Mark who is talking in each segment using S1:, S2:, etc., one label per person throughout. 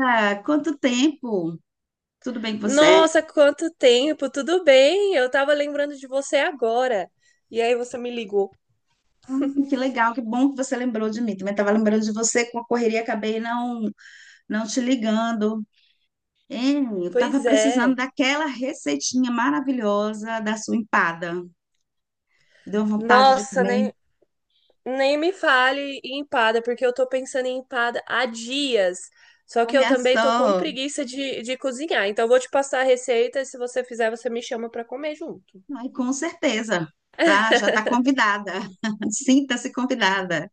S1: Ah, quanto tempo? Tudo bem com você?
S2: Nossa, quanto tempo! Tudo bem? Eu tava lembrando de você agora. E aí você me ligou.
S1: Que legal, que bom que você lembrou de mim. Também estava lembrando de você com a correria, acabei não, não te ligando. Hein, eu estava
S2: Pois
S1: precisando
S2: é.
S1: daquela receitinha maravilhosa da sua empada. Deu vontade de
S2: Nossa,
S1: comer.
S2: nem me fale em empada, porque eu tô pensando em empada há dias. Só que eu
S1: Olha
S2: também tô com
S1: só.
S2: preguiça de cozinhar. Então eu vou te passar a receita e se você fizer, você me chama pra comer junto.
S1: Ai, com certeza, tá? Já está convidada. Sinta-se convidada.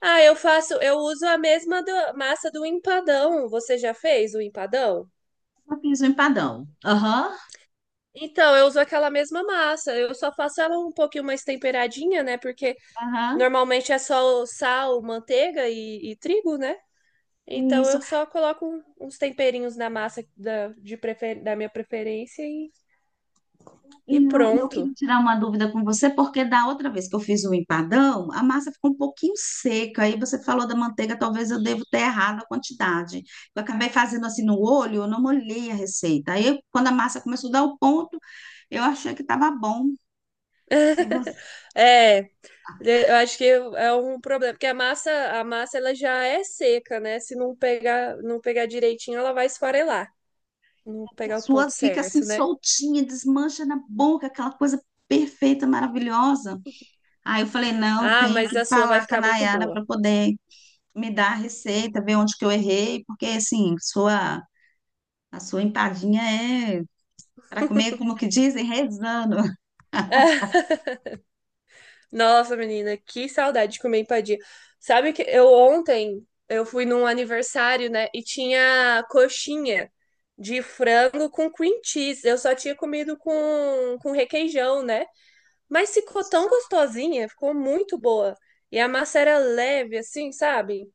S2: Ah, eu faço, eu uso a mesma massa do empadão. Você já fez o empadão?
S1: Eu fiz um empadão. Aham,
S2: Então, eu uso aquela mesma massa. Eu só faço ela um pouquinho mais temperadinha, né? Porque
S1: aham.
S2: normalmente é só sal, manteiga e trigo, né? Então
S1: Isso.
S2: eu só coloco uns temperinhos na massa da minha preferência
S1: E
S2: e
S1: eu, eu
S2: pronto.
S1: queria tirar uma dúvida com você, porque da outra vez que eu fiz o empadão, a massa ficou um pouquinho seca. Aí você falou da manteiga, talvez eu devo ter errado a quantidade. Eu acabei fazendo assim no olho, eu não molhei a receita. Aí, quando a massa começou a dar o ponto, eu achei que estava bom. Se você,
S2: É, eu acho que é um problema, porque a massa ela já é seca, né? Se não pegar direitinho, ela vai esfarelar, não
S1: que a
S2: pegar o
S1: sua
S2: ponto
S1: fica assim
S2: certo, né?
S1: soltinha, desmancha na boca, aquela coisa perfeita, maravilhosa. Aí eu falei, não,
S2: Ah,
S1: tenho
S2: mas
S1: que
S2: a sua vai
S1: falar com a
S2: ficar muito
S1: Nayara
S2: boa.
S1: para poder me dar a receita, ver onde que eu errei, porque assim, sua a sua empadinha é para comer, como que dizem, rezando.
S2: Nossa, menina, que saudade de comer empadinha. Sabe que eu ontem eu fui num aniversário, né, e tinha coxinha de frango com cream cheese. Eu só tinha comido com requeijão, né? Mas ficou tão
S1: Só
S2: gostosinha, ficou muito boa. E a massa era leve assim, sabe?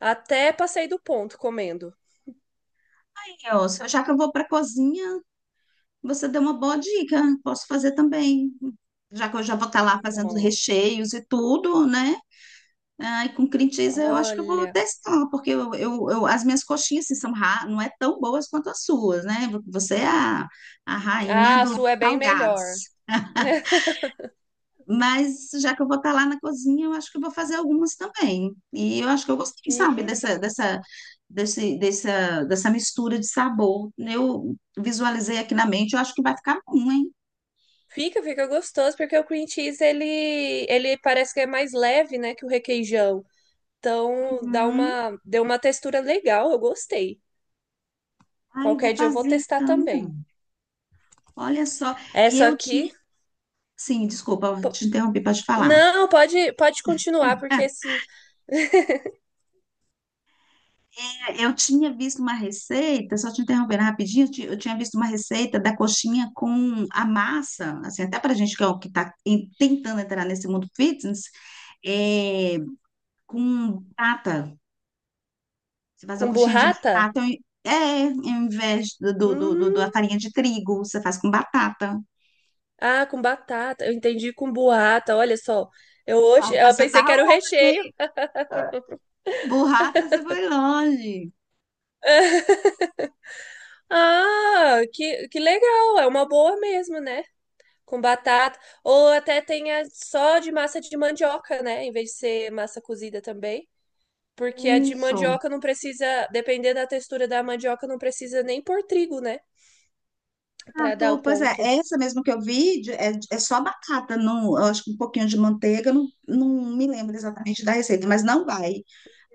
S2: Até passei do ponto comendo.
S1: Já que eu vou para a cozinha, você deu uma boa dica. Posso fazer também. Já que eu já vou estar lá fazendo
S2: Nossa,
S1: recheios e tudo, né? Ah, e com cream cheese eu acho que eu vou
S2: olha.
S1: testar, porque as minhas coxinhas assim, não é tão boas quanto as suas, né? Você é a, a rainha
S2: Ah, a
S1: dos
S2: sua é bem melhor.
S1: salgados. Mas já que eu vou estar lá na cozinha, eu acho que eu vou fazer algumas também. E eu acho que eu gostei, sabe,
S2: Isso.
S1: dessa mistura de sabor. Eu visualizei aqui na mente, eu acho que vai ficar bom, hein?
S2: Fica gostoso, porque o cream cheese, ele parece que é mais leve, né, que o requeijão. Então,
S1: Uhum.
S2: deu uma textura legal, eu gostei.
S1: Ai, eu
S2: Qualquer
S1: vou
S2: dia eu vou
S1: fazer
S2: testar
S1: então.
S2: também.
S1: Olha só. E
S2: Essa
S1: eu tinha.
S2: aqui...
S1: Sim, desculpa, eu
S2: po-
S1: te interrompi para te falar.
S2: Não, pode continuar, porque esse,
S1: Eu tinha visto uma receita, só te interrompendo rapidinho, eu tinha visto uma receita da coxinha com a massa, assim, até para gente que é o que está tentando entrar nesse mundo fitness, é, com batata. Você faz a
S2: com
S1: coxinha de
S2: burrata...
S1: batata, é, em vez da
S2: Hum,
S1: farinha de trigo, você faz com batata.
S2: ah, com batata. Eu entendi com burrata, olha só. Eu,
S1: Ah,
S2: hoje, eu
S1: você
S2: pensei
S1: tá
S2: que era o
S1: longe,
S2: recheio.
S1: hein? Burrata, você foi longe.
S2: Ah, que legal, é uma boa mesmo, né? Com batata, ou até tenha só de massa de mandioca, né? Em vez de ser massa cozida também. Porque a de
S1: Isso.
S2: mandioca não precisa, dependendo da textura da mandioca, não precisa nem pôr trigo, né? Pra dar o
S1: Pois é,
S2: ponto.
S1: essa mesmo que eu vi de- é, é só batata, não, eu acho que um pouquinho de manteiga, não me lembro exatamente da receita, mas não vai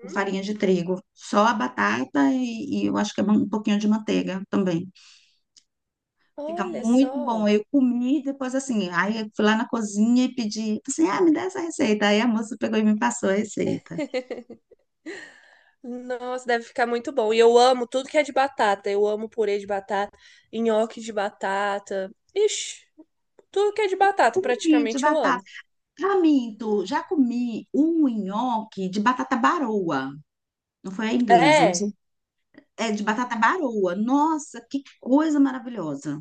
S1: com farinha de trigo, só a batata e eu acho que é um pouquinho de manteiga também. Fica
S2: Olha
S1: muito
S2: só.
S1: bom. Eu comi depois assim, aí eu fui lá na cozinha e pedi, assim, ah, me dá essa receita. Aí a moça pegou e me passou a receita.
S2: Nossa, deve ficar muito bom. E eu amo tudo que é de batata. Eu amo purê de batata, nhoque de batata. Ixi, tudo que é de
S1: Eu
S2: batata
S1: comi de
S2: praticamente eu
S1: batata.
S2: amo.
S1: Pra já comi um nhoque de batata baroa, não foi a inglesa, não sei
S2: É,
S1: é de batata baroa. Nossa, que coisa maravilhosa.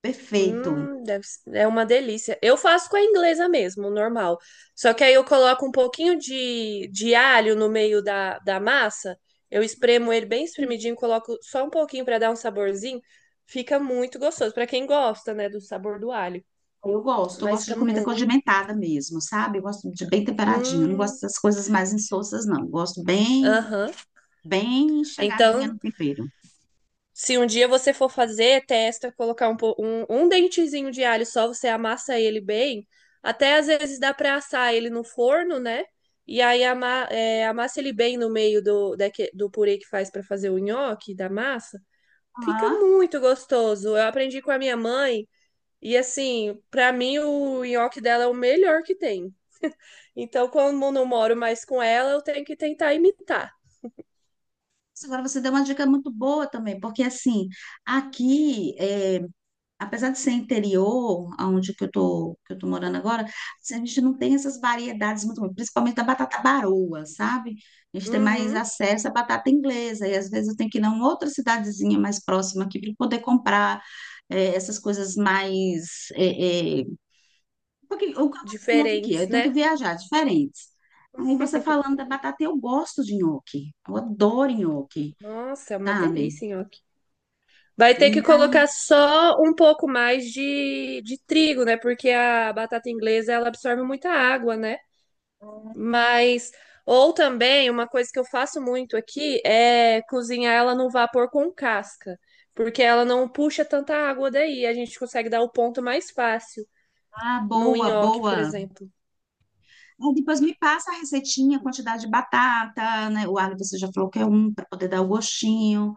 S1: Perfeito.
S2: hum, é uma delícia. Eu faço com a inglesa mesmo, normal. Só que aí eu coloco um pouquinho de alho no meio da massa. Eu espremo ele bem espremidinho, coloco só um pouquinho para dar um saborzinho. Fica muito gostoso. Para quem gosta, né, do sabor do alho.
S1: Eu
S2: Mas
S1: gosto
S2: fica
S1: de comida
S2: muito.
S1: condimentada mesmo, sabe? Eu gosto de bem temperadinho, eu não
S2: Hum,
S1: gosto dessas coisas mais insossas, não.
S2: aham.
S1: Bem chegadinha
S2: Então,
S1: no tempero.
S2: se um dia você for fazer, testa colocar um dentezinho de alho só, você amassa ele bem. Até às vezes dá para assar ele no forno, né? E aí amassa ele bem no meio do purê que faz para fazer o nhoque da massa. Fica
S1: Ah,
S2: muito gostoso. Eu aprendi com a minha mãe e assim, para mim o nhoque dela é o melhor que tem. Então, como eu não moro mais com ela, eu tenho que tentar imitar.
S1: agora você deu uma dica muito boa também, porque assim, aqui apesar de ser interior, aonde que que eu tô morando agora, assim, a gente não tem essas variedades muito boas, principalmente da batata baroa, sabe? A gente tem mais
S2: Uhum,
S1: acesso à batata inglesa, e às vezes eu tenho que ir em outra cidadezinha mais próxima aqui para poder comprar essas coisas mais. Porque eu conto aqui,
S2: diferentes,
S1: eu tenho que
S2: né?
S1: viajar diferentes. Aí você falando da batata, eu gosto de nhoque, eu adoro nhoque,
S2: Nossa, é uma
S1: sabe?
S2: delícia, nhoque. Vai ter
S1: E
S2: que colocar só um pouco mais de trigo, né? Porque a batata inglesa ela absorve muita água, né? Mas ou também uma coisa que eu faço muito aqui é cozinhar ela no vapor com casca, porque ela não puxa tanta água daí, a gente consegue dar o ponto mais fácil
S1: ah,
S2: no
S1: boa,
S2: nhoque, por
S1: boa.
S2: exemplo.
S1: Aí depois me passa a receitinha, quantidade de batata, né? O alho você já falou que é um para poder dar o gostinho,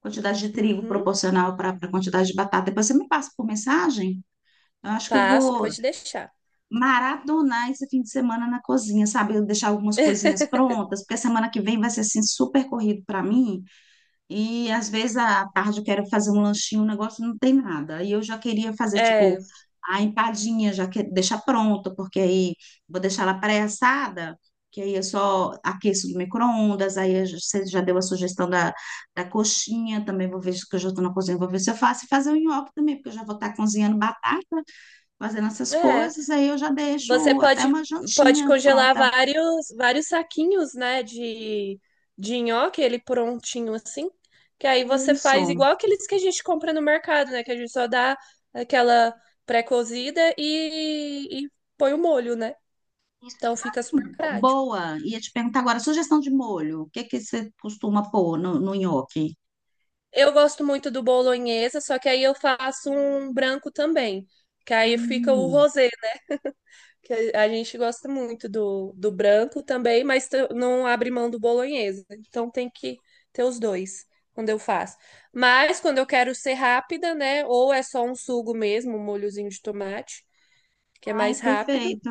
S1: quantidade de trigo
S2: Uhum.
S1: proporcional para a quantidade de batata. Depois você me passa por mensagem. Eu acho que eu
S2: Passo,
S1: vou
S2: pode deixar.
S1: maratonar esse fim de semana na cozinha, sabe? Eu deixar algumas coisinhas prontas, porque a semana que vem vai ser assim super corrido para mim. E às vezes à tarde eu quero fazer um lanchinho, um negócio não tem nada. E eu já queria fazer, tipo,
S2: É,
S1: a empadinha, já que deixar pronta, porque aí vou deixar ela pré-assada, que aí eu só aqueço no micro-ondas. Você já deu a sugestão da, da coxinha, também vou ver se que eu já estou na cozinha, vou ver se eu faço. E fazer o nhoque também, porque eu já vou estar cozinhando batata, fazendo essas
S2: é.
S1: coisas. Aí eu já
S2: Você
S1: deixo até uma
S2: pode
S1: jantinha
S2: congelar
S1: pronta.
S2: vários saquinhos, né, de nhoque, ele prontinho assim, que aí
S1: Com
S2: você faz
S1: Isso.
S2: igual aqueles que a gente compra no mercado, né, que a gente só dá aquela pré-cozida e põe o molho, né?
S1: Isso,
S2: Então
S1: de
S2: fica super
S1: assim,
S2: prático.
S1: boa. Ia te perguntar agora, sugestão de molho. O que que você costuma pôr no nhoque?
S2: Eu gosto muito do bolonhesa, só que aí eu faço um branco também, que aí fica o
S1: Hum.
S2: rosé. Que a gente gosta muito do branco também, mas não abre mão do bolonhesa. Então tem que ter os dois quando eu faço. Mas quando eu quero ser rápida, né? Ou é só um sugo mesmo, um molhozinho de tomate, que é
S1: Ai,
S2: mais rápido.
S1: perfeito.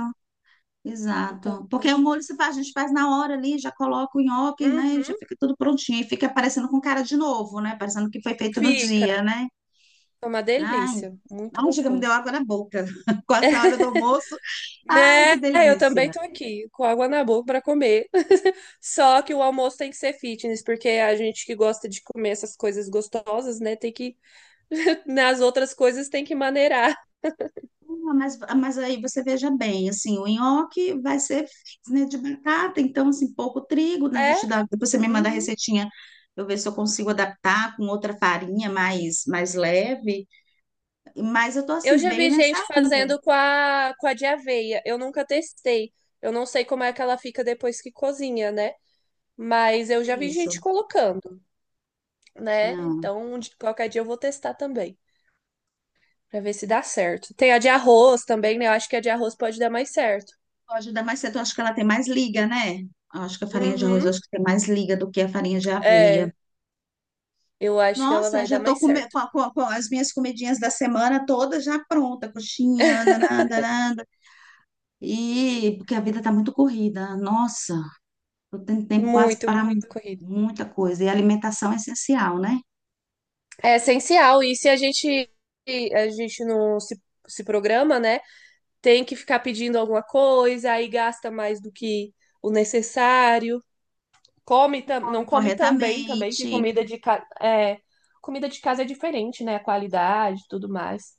S2: Então,
S1: Exato. Porque o molho se faz, a gente faz na hora ali, já coloca o nhoque, né? E já
S2: uhum,
S1: fica tudo prontinho. E fica parecendo com cara de novo, né? Parecendo que foi feito no
S2: fica.
S1: dia, né?
S2: É uma
S1: Ai,
S2: delícia, muito
S1: não, chega, me deu
S2: gostoso.
S1: água na boca. Quase na hora do almoço. Ai,
S2: Né,
S1: que
S2: eu também
S1: delícia.
S2: tô aqui com água na boca para comer. Só que o almoço tem que ser fitness, porque a gente que gosta de comer essas coisas gostosas, né, tem que nas outras coisas tem que maneirar.
S1: Mas aí você veja bem, assim, o nhoque vai ser né, de batata, então, assim, pouco trigo, né, a
S2: É?
S1: gente dá, depois você me manda a
S2: Uhum.
S1: receitinha, eu ver se eu consigo adaptar com outra farinha mais leve, mas eu tô,
S2: Eu
S1: assim,
S2: já
S1: bem
S2: vi
S1: nessa
S2: gente
S1: onda,
S2: fazendo com a de aveia. Eu nunca testei. Eu não sei como é que ela fica depois que cozinha, né? Mas eu
S1: é
S2: já vi
S1: isso.
S2: gente colocando, né?
S1: Não,
S2: Então, qualquer dia eu vou testar também, pra ver se dá certo. Tem a de arroz também, né? Eu acho que a de arroz pode dar mais certo.
S1: pode dar mais certo, eu acho que ela tem mais liga, né? Eu acho que a farinha de arroz, eu
S2: Uhum.
S1: acho que tem mais liga do que a farinha de aveia.
S2: É, eu acho que ela
S1: Nossa,
S2: vai dar
S1: já
S2: mais
S1: tô com,
S2: certo.
S1: com, com- com as minhas comidinhas da semana todas já pronta, coxinha, danada, danada. E porque a vida está muito corrida. Nossa, eu tenho tempo quase
S2: Muito
S1: para mu-
S2: corrida.
S1: muita coisa. E a alimentação é essencial, né?
S2: É essencial. E se a gente não se programa, né? Tem que ficar pedindo alguma coisa, aí gasta mais do que o necessário. Não
S1: Come
S2: come tão bem também, que
S1: corretamente.
S2: casa é, comida de casa é diferente, né? A qualidade e tudo mais.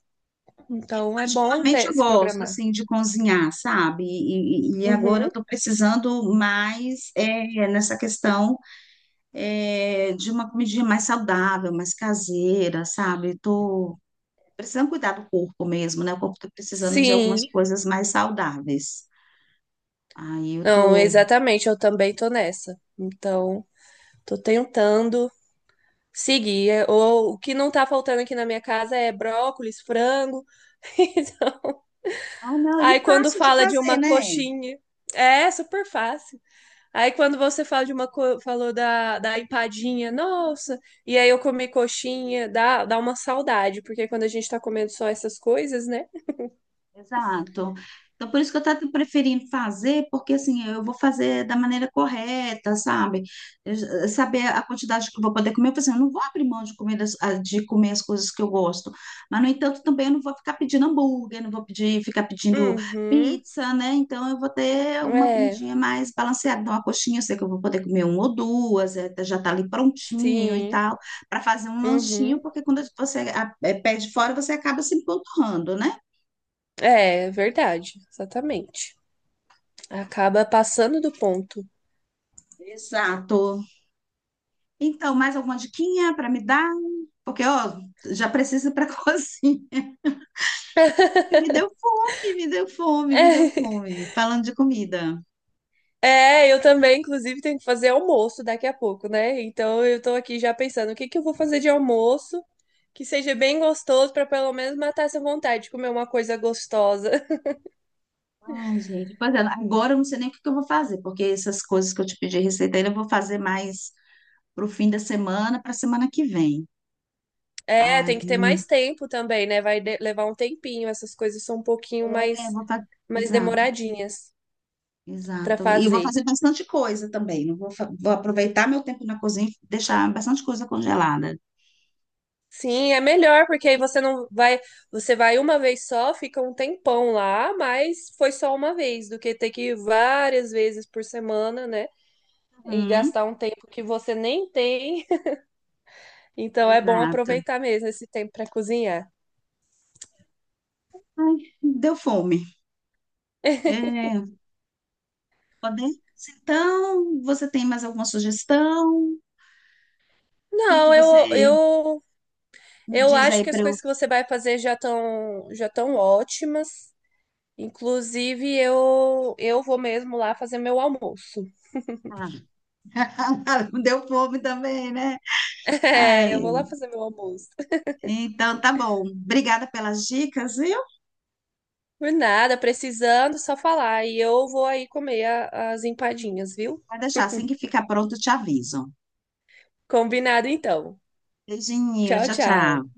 S1: Eu
S2: Então é bom
S1: particularmente
S2: ter,
S1: eu
S2: se
S1: gosto
S2: programar.
S1: assim de cozinhar, sabe? E agora eu
S2: Uhum.
S1: estou precisando mais nessa questão de uma comidinha mais saudável, mais caseira, sabe? Estou precisando cuidar do corpo mesmo, né? O corpo está precisando de algumas
S2: Sim.
S1: coisas mais saudáveis. Aí eu
S2: Não,
S1: tô.
S2: exatamente. Eu também tô nessa. Então, tô tentando seguir. É, ou, o que não tá faltando aqui na minha casa é brócolis, frango. Então,
S1: Ah, não,
S2: aí
S1: e
S2: quando
S1: fácil de
S2: fala de
S1: fazer,
S2: uma
S1: né?
S2: coxinha, é super fácil. Aí quando você fala de uma falou da empadinha, nossa, e aí eu comi coxinha, dá uma saudade, porque quando a gente tá comendo só essas coisas, né?
S1: Exato. Então, por isso que eu estou preferindo fazer, porque assim, eu vou fazer da maneira correta, sabe? Eu- saber a quantidade que eu vou poder comer. Eu falei assim, eu não vou abrir mão de comer, de comer as coisas que eu gosto. Mas, no entanto, também eu não vou ficar pedindo hambúrguer, não vou pedir, ficar pedindo
S2: Uhum.
S1: pizza, né? Então, eu vou ter uma
S2: É,
S1: comidinha mais balanceada. Então, a coxinha, eu sei que eu vou poder comer uma ou duas, já está ali prontinho e
S2: sim.
S1: tal, para fazer um lanchinho,
S2: Uhum.
S1: porque quando você pede fora, você acaba se empanturrando, né?
S2: É, verdade, exatamente. Acaba passando do ponto.
S1: Exato. Então, mais alguma diquinha para me dar? Porque, ó, já preciso ir para cozinha. Ai, me deu fome, me deu fome, me deu fome. Falando de comida.
S2: É, eu também, inclusive, tenho que fazer almoço daqui a pouco, né? Então eu tô aqui já pensando o que que eu vou fazer de almoço que seja bem gostoso pra pelo menos matar essa vontade de comer uma coisa gostosa.
S1: Ai, gente, pois é, agora eu não sei nem o que que eu vou fazer, porque essas coisas que eu te pedi receita ainda eu vou fazer mais pro fim da semana, para semana que vem.
S2: É, tem que ter
S1: Aí,
S2: mais tempo também, né? Vai levar um tempinho, essas coisas são um pouquinho
S1: é,
S2: mais
S1: vou fazer.
S2: mais
S1: Exato,
S2: demoradinhas pra
S1: exato. E eu vou
S2: fazer.
S1: fazer bastante coisa também. Não vou, fa- vou aproveitar meu tempo na cozinha e deixar bastante coisa congelada.
S2: Sim, é melhor porque aí você não vai, você vai uma vez só, fica um tempão lá, mas foi só uma vez, do que ter que ir várias vezes por semana, né? E
S1: Uhum,
S2: gastar um tempo que você nem tem. Então é bom
S1: exato.
S2: aproveitar mesmo esse tempo para cozinhar.
S1: Ai, deu fome. É, podemos? Então, você tem mais alguma sugestão? O que que
S2: Não,
S1: você me
S2: eu
S1: diz
S2: acho
S1: aí
S2: que as
S1: para eu.
S2: coisas que você vai fazer já estão ótimas. Inclusive, eu vou mesmo lá fazer meu almoço.
S1: Ah, deu fome também, né? Ai,
S2: É, eu vou lá fazer meu almoço.
S1: então tá bom. Obrigada pelas dicas, viu?
S2: Por nada, precisando, só falar. E eu vou aí comer as empadinhas, viu?
S1: Vai deixar, assim que ficar pronto, eu te aviso.
S2: Combinado então.
S1: Beijinho,
S2: Tchau,
S1: tchau, tchau.
S2: tchau.